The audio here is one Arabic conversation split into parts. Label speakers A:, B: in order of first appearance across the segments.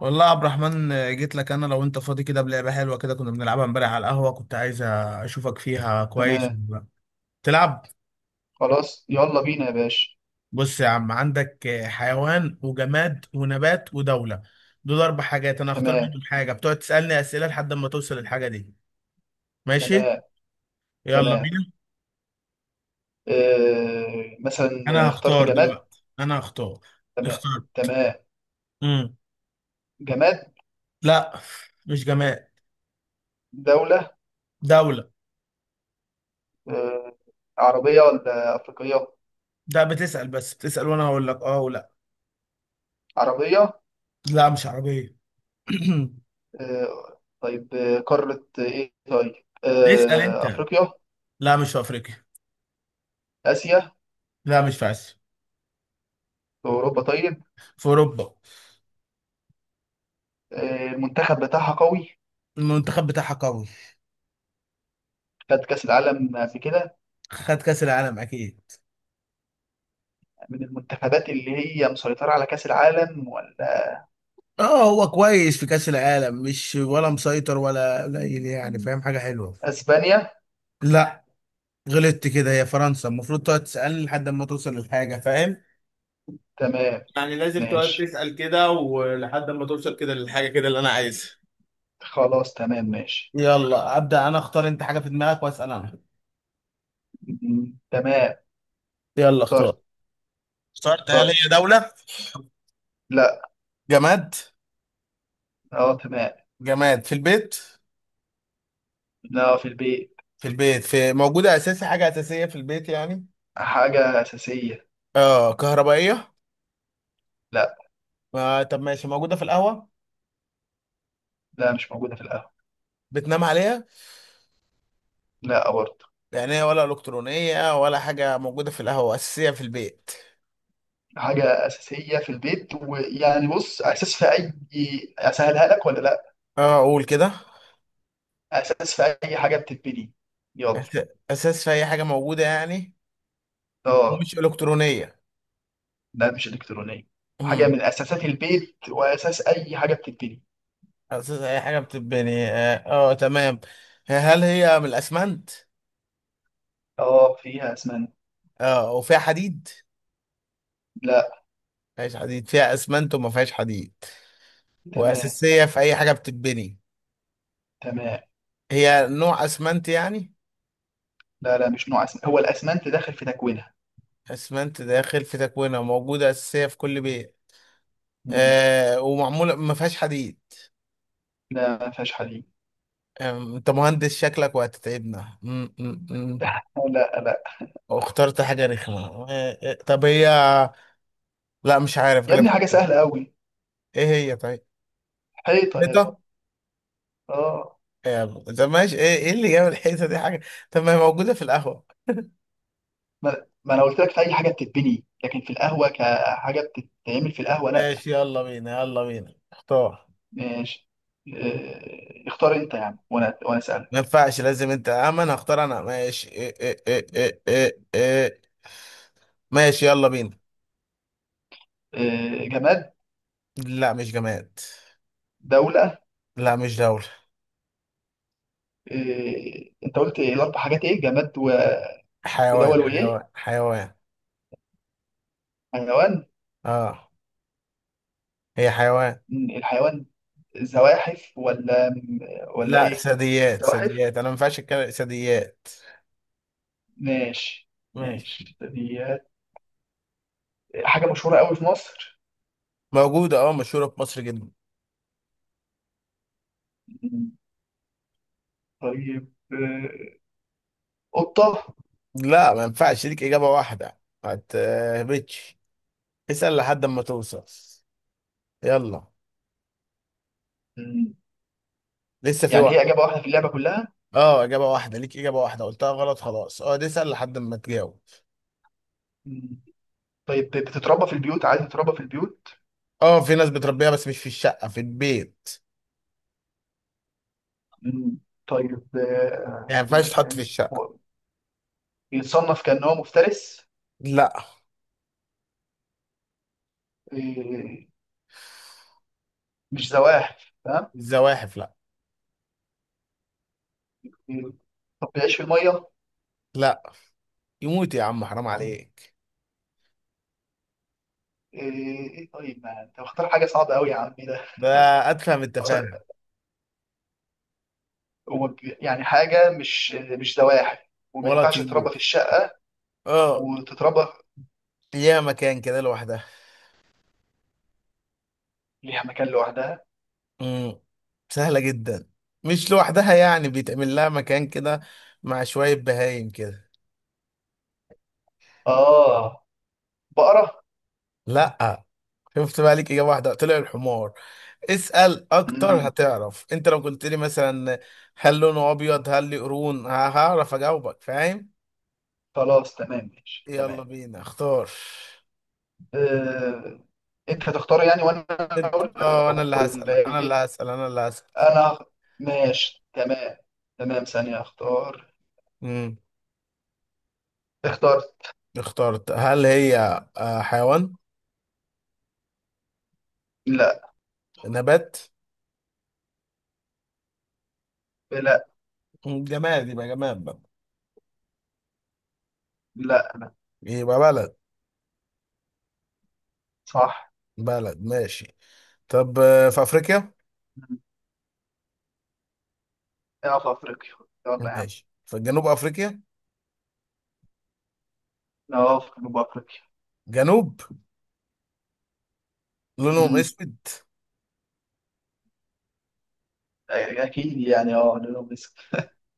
A: والله يا عبد الرحمن، جيت لك انا. لو انت فاضي كده بلعبه حلوه كده كنا بنلعبها امبارح على القهوه، كنت عايز اشوفك فيها كويس
B: تمام.
A: ولا لا. تلعب؟
B: خلاص، يلا بينا يا باشا.
A: بص يا عم، عندك حيوان وجماد ونبات ودوله. دول اربع حاجات، انا هختار
B: تمام.
A: منهم حاجه، بتقعد تسالني اسئله لحد ما توصل للحاجه دي. ماشي،
B: تمام.
A: يلا
B: تمام.
A: بينا.
B: آه، مثلا
A: انا
B: اخترت
A: هختار
B: جماد.
A: دلوقتي، انا هختار.
B: تمام.
A: اختار.
B: تمام.
A: امم
B: جماد.
A: لا، مش جماد.
B: دولة.
A: دوله.
B: آه. عربية ولا أفريقية؟
A: ده بتسال بس، بتسال وانا هقول لك اه ولا.
B: عربية.
A: لا، مش عربيه.
B: آه طيب، آه، قارة إيه طيب؟
A: اسال
B: آه،
A: انت.
B: أفريقيا.
A: لا، مش في افريقيا.
B: آسيا.
A: لا، مش في اسيا.
B: أوروبا طيب.
A: في اوروبا.
B: آه، المنتخب بتاعها قوي.
A: المنتخب بتاعها قوي.
B: خد كأس العالم قبل كده.
A: خد كاس العالم اكيد.
B: من المنتخبات اللي هي مسيطرة على كأس العالم ولا؟
A: اه، هو كويس في كاس العالم، مش ولا مسيطر ولا قليل، يعني فاهم، حاجه حلوه.
B: أسبانيا.
A: لا. غلطت كده، هي فرنسا. المفروض تقعد تسالني لحد ما توصل للحاجه، فاهم؟
B: تمام
A: يعني لازم تقعد
B: ماشي.
A: كده. الحاجة كده اللي أنا عايزها.
B: خلاص تمام ماشي.
A: يلا ابدا، انا اختار انت حاجه. انا.
B: تمام.
A: يلا
B: اخترت.
A: اختار. اخترت؟ هل
B: اخترت.
A: هي دوله؟
B: لا.
A: جماد؟
B: اه تمام.
A: جماد
B: لا، في البيت.
A: في البيت. في، موجوده اساسي حاجه يعني.
B: حاجة أساسية.
A: اه هي.
B: لا.
A: آه طب ما هو،
B: لا مش موجودة في القهوة.
A: بتنام عليها؟
B: لا برضه.
A: يعني هي ولا الكترونيه ولا حاجه موجوده في القهوه اساسيه في البيت؟
B: حاجة أساسية في البيت ويعني بص، أساس في أي. أسهلها لك ولا لا؟
A: اه اقول كده.
B: أساس في أي حاجة بتتبني. يلا.
A: اساس في اي حاجه موجوده يعني؟
B: اه.
A: مش الكترونيه.
B: لا مش إلكترونية. حاجة
A: امم
B: من أساسات البيت وأساس أي حاجة بتتبني.
A: اساس اي حاجه بتتبني، اه، آه تمام. هل هي من الاسمنت؟
B: اه فيها أسمنت.
A: اه وفيها حديد؟
B: لا.
A: فيهاش حديد، فيها اسمنت وما فيهاش حديد،
B: تمام.
A: واساسيه في اي حاجه بتتبني.
B: تمام.
A: هي نوع اسمنت يعني؟
B: لا لا، مش نوع أسمنت، هو الأسمنت داخل في تكوينها.
A: اسمنت داخل في تكوينها، موجوده اساسيه في كل بيت،
B: مم.
A: آه، ومعموله ما فيهاش حديد.
B: لا، ما فيهاش حديد.
A: انت مهندس شكلك وهتتعبنا. أم، أم، أم.
B: لا لا،
A: واخترت حاجة رخمة. أه، أه، طب هي، لا مش عارف،
B: يا
A: غلب.
B: ابني حاجة سهلة قوي.
A: ايه هي طيب؟
B: حيطة يا ابني.
A: حيطة.
B: اه.
A: طب ماشي. ايه ايه اللي جاب الحيطة دي حاجة؟ طب ما هي موجودة في القهوة.
B: ما انا قلت لك في اي حاجة بتتبني، لكن في القهوة كحاجة بتتعمل في القهوة لا.
A: ماشي، يلا بينا، يلا بينا اختار.
B: ماشي. آه، اختار انت يا عم وانا
A: ما
B: اسالك.
A: ينفعش، لازم انت امن هختار انا، ماشي. إيه إيه إيه إيه إيه إيه. ماشي يلا بينا.
B: آه، جماد.
A: لا مش جماد.
B: دولة.
A: لا مش دولة.
B: آه، انت قلت إيه الاربع حاجات؟ ايه، جماد و- ودول
A: حيوان، حيوان
B: وايه؟
A: حيوان
B: حيوان.
A: اه هي حيوان.
B: مم، الحيوان زواحف ولا ولا
A: لا،
B: ايه؟
A: ثدييات
B: زواحف.
A: ثدييات، انا ما ينفعش اتكلم. ثدييات،
B: ماشي.
A: ماشي.
B: ماشي. دي حاجة مشهورة قوي في مصر.
A: موجودة، اه، مشهورة في مصر جدا.
B: مم، طيب آه، قطة.
A: لا، ما ينفعش ليك إجابة واحدة، ما تهبطش، اسأل لحد ما توصل. يلا،
B: مم.
A: لسه في
B: يعني هي
A: وقت.
B: إجابة واحدة في اللعبة كلها؟
A: اه إجابة واحدة، ليك إجابة واحدة، قلتها غلط خلاص. اه اسأل لحد ما تجاوب.
B: مم. طيب بتتربى في البيوت؟ عايز تتربى في البيوت.
A: اه في ناس بتربيها بس مش في الشقة، في البيت
B: مم. طيب آه،
A: يعني، ما
B: أقول
A: ينفعش
B: لك
A: تحط في
B: يعني،
A: الشقة.
B: هو بيتصنف كأنه مفترس؟
A: لا.
B: آه، مش زواحف تمام.
A: الزواحف لا.
B: آه، طب بيعيش في المية؟ آه،
A: لا، يموت يا عم، حرام عليك.
B: إيه طيب، ما أنت مختار حاجة صعبة أوي يا عمي ده.
A: ده، أتفهم التفاهة.
B: هو يعني حاجة مش زواحف وما
A: ولا
B: ينفعش تتربى
A: طيور.
B: في الشقة
A: اه،
B: وتتربى
A: ليها مكان كده لوحدها.
B: ليها مكان لوحدها.
A: امم سهلة جدا. مش لوحدها يعني، بيتعمل لها مكان كده مع شوية بهايم كده.
B: آه، بقرة.
A: لا. شفت بقى؟ ليك إجابة واحدة طلع الحمار. اسأل أكتر
B: مم.
A: هتعرف. أنت لو قلت لي مثلا هل لونه أبيض، هل ليه قرون، هعرف أجاوبك، فاهم؟
B: خلاص تمام ماشي
A: يلا
B: تمام.
A: بينا اختار.
B: آه، انت هتختار يعني وانا
A: أنت،
B: اقول
A: أه أنا اللي هسأل،
B: ولا
A: أنا اللي
B: ايه؟
A: هسأل، أنا اللي هسأل.
B: انا ماشي. تمام. تمام، ثانية، اختار.
A: امم
B: اخترت.
A: اخترت. هل هي، آه، حيوان؟
B: لا.
A: نبات؟
B: لا.
A: جماد؟ يبقى جماد بقى؟
B: لا.
A: يبقى بلد.
B: صح.
A: بلد ماشي. طب آه، في افريقيا؟
B: مم. اه في افريقيا. يلا يا عم.
A: ماشي، في جنوب افريقيا.
B: اه في جنوب افريقيا.
A: جنوب، لونهم
B: مم.
A: اسود.
B: اكيد يعني، اه جنوب مصر.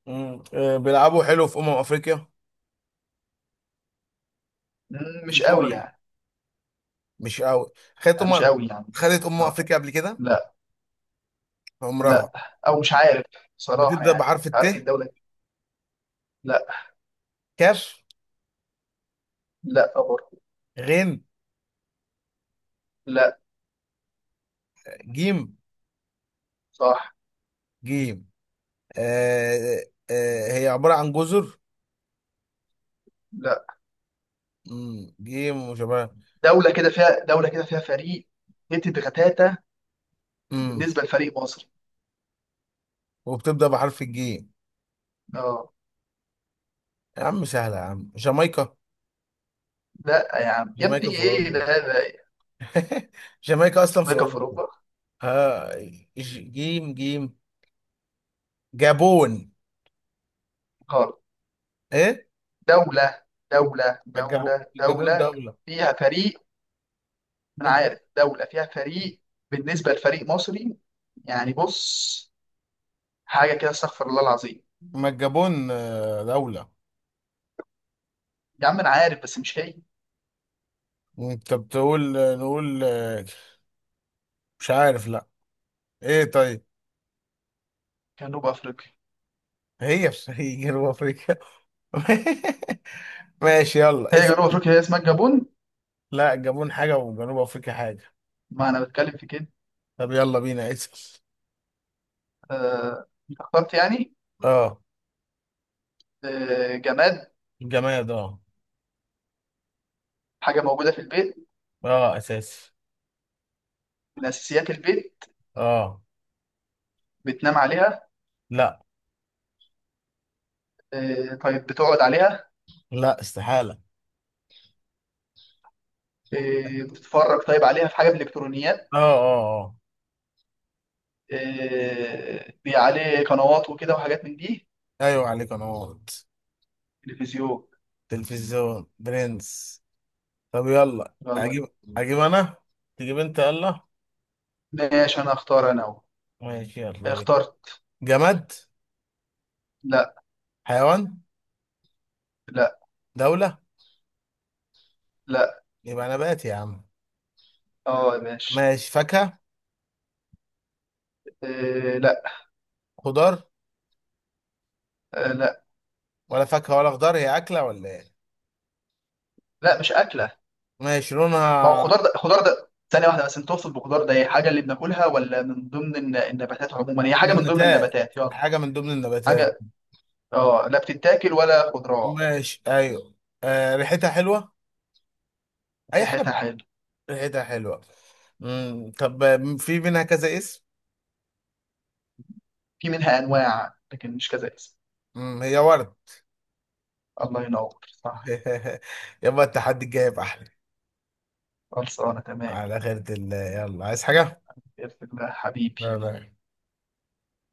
A: مم. آه، بيلعبوا حلو في افريقيا؟
B: مم،
A: في
B: مش
A: كوره
B: قوي
A: يعني.
B: يعني.
A: مش قوي؟ خدت
B: آه، مش قوي يعني.
A: خدت
B: اه.
A: افريقيا قبل كده؟
B: لا.
A: عمرها؟
B: لا او مش عارف بصراحة،
A: بتبدا
B: يعني
A: بحرف الت؟
B: عارف الدولة. لا.
A: كاف؟
B: لا برضه.
A: غين؟
B: لا.
A: جيم؟
B: صح.
A: جيم، آه آه، آه، هي عباره عن جزر؟
B: لا.
A: مم. جيم وشباب.
B: دوله كده فيها، دوله كده فيها فريق هتت غتاته
A: مم.
B: بالنسبه لفريق مصر.
A: وبتبدا بحرف الجيم.
B: اه.
A: يا عم سهله يا عم، جامايكا.
B: لا يا عم يا
A: جامايكا في
B: ابني، ايه
A: اوروبا.
B: ده ده؟
A: جامايكا اصلا في
B: امريكا في
A: اوروبا.
B: اوروبا؟
A: آه، جيم جيم، جابون.
B: غلط.
A: ايه؟
B: دوله. دوله
A: ما الجابون،
B: دوله
A: الجابون
B: دوله
A: دولة.
B: فيها فريق. ما انا عارف دوله فيها فريق بالنسبه لفريق مصري، يعني بص حاجه كده استغفر الله العظيم.
A: ما الجابون آه، دولة.
B: يا عم انا عارف بس مش هي.
A: انت بتقول نقول آه، مش عارف، لا. ايه طيب؟
B: جنوب افريقيا.
A: هي بس، هي جنوب افريقيا. ماشي يلا
B: هي جنوب
A: اسأل.
B: افريقيا، هي اسمها الجابون.
A: لا، الجابون حاجة وجنوب افريقيا حاجة.
B: ما انا بتكلم في كده.
A: طب يلا بينا اسأل.
B: آه، اخترت يعني.
A: اه،
B: آه، جماد.
A: الجماد. اه،
B: حاجه موجوده في البيت.
A: اه اساسي.
B: من اساسيات البيت.
A: اه.
B: بتنام عليها.
A: لا.
B: آه، طيب بتقعد عليها.
A: لا استحالة.
B: آه، بتتفرج طيب عليها، في حاجة من الإلكترونيات.
A: اه اه اه.
B: آه، بي عليه قنوات وكده وحاجات من دي.
A: ايوه عليك، انا غلط.
B: تلفزيون.
A: تلفزيون برنس. طب يلا
B: يلا.
A: اجيب، اجيب انا، تجيب انت يلا.
B: ماشي، أنا أختار أنا أهو.
A: ماشي يلا بينا.
B: اخترت.
A: جماد؟
B: لا.
A: حيوان؟
B: لا.
A: دولة؟
B: لا.
A: يبقى نبات يا عم.
B: اه يا باشا.
A: ماشي، فاكهة؟
B: آه، لا.
A: خضار؟
B: آه، لا.
A: ولا فاكهة ولا خضار، هي أكلة ولا ايه؟
B: لا مش أكلة.
A: ماشي،
B: ما هو
A: لونها؟
B: خضار ده، خضار ده ثانية واحدة بس، أنت تقصد بخضار ده هي حاجة اللي بناكلها ولا من ضمن النباتات عموما؟ هي حاجة من ضمن
A: نباتات،
B: النباتات، يلا.
A: حاجة من ضمن النباتات.
B: حاجة اه، لا بتتاكل ولا خضروات.
A: ماشي، أيوه. آه ريحتها حلوة؟ أي حاجة
B: ريحتها حلوة.
A: ريحتها حلوة. مم. طب آه، في منها كذا اسم؟
B: في منها أنواع لكن مش كذا اسم.
A: مم. هي ورد.
B: الله ينور، صح.
A: يبقى التحدي الجاي يبقى أحلى.
B: خلصانة تمام.
A: على خيرة الله، يلا عايز حاجة؟
B: بإذن الله
A: لا
B: حبيبي.
A: لا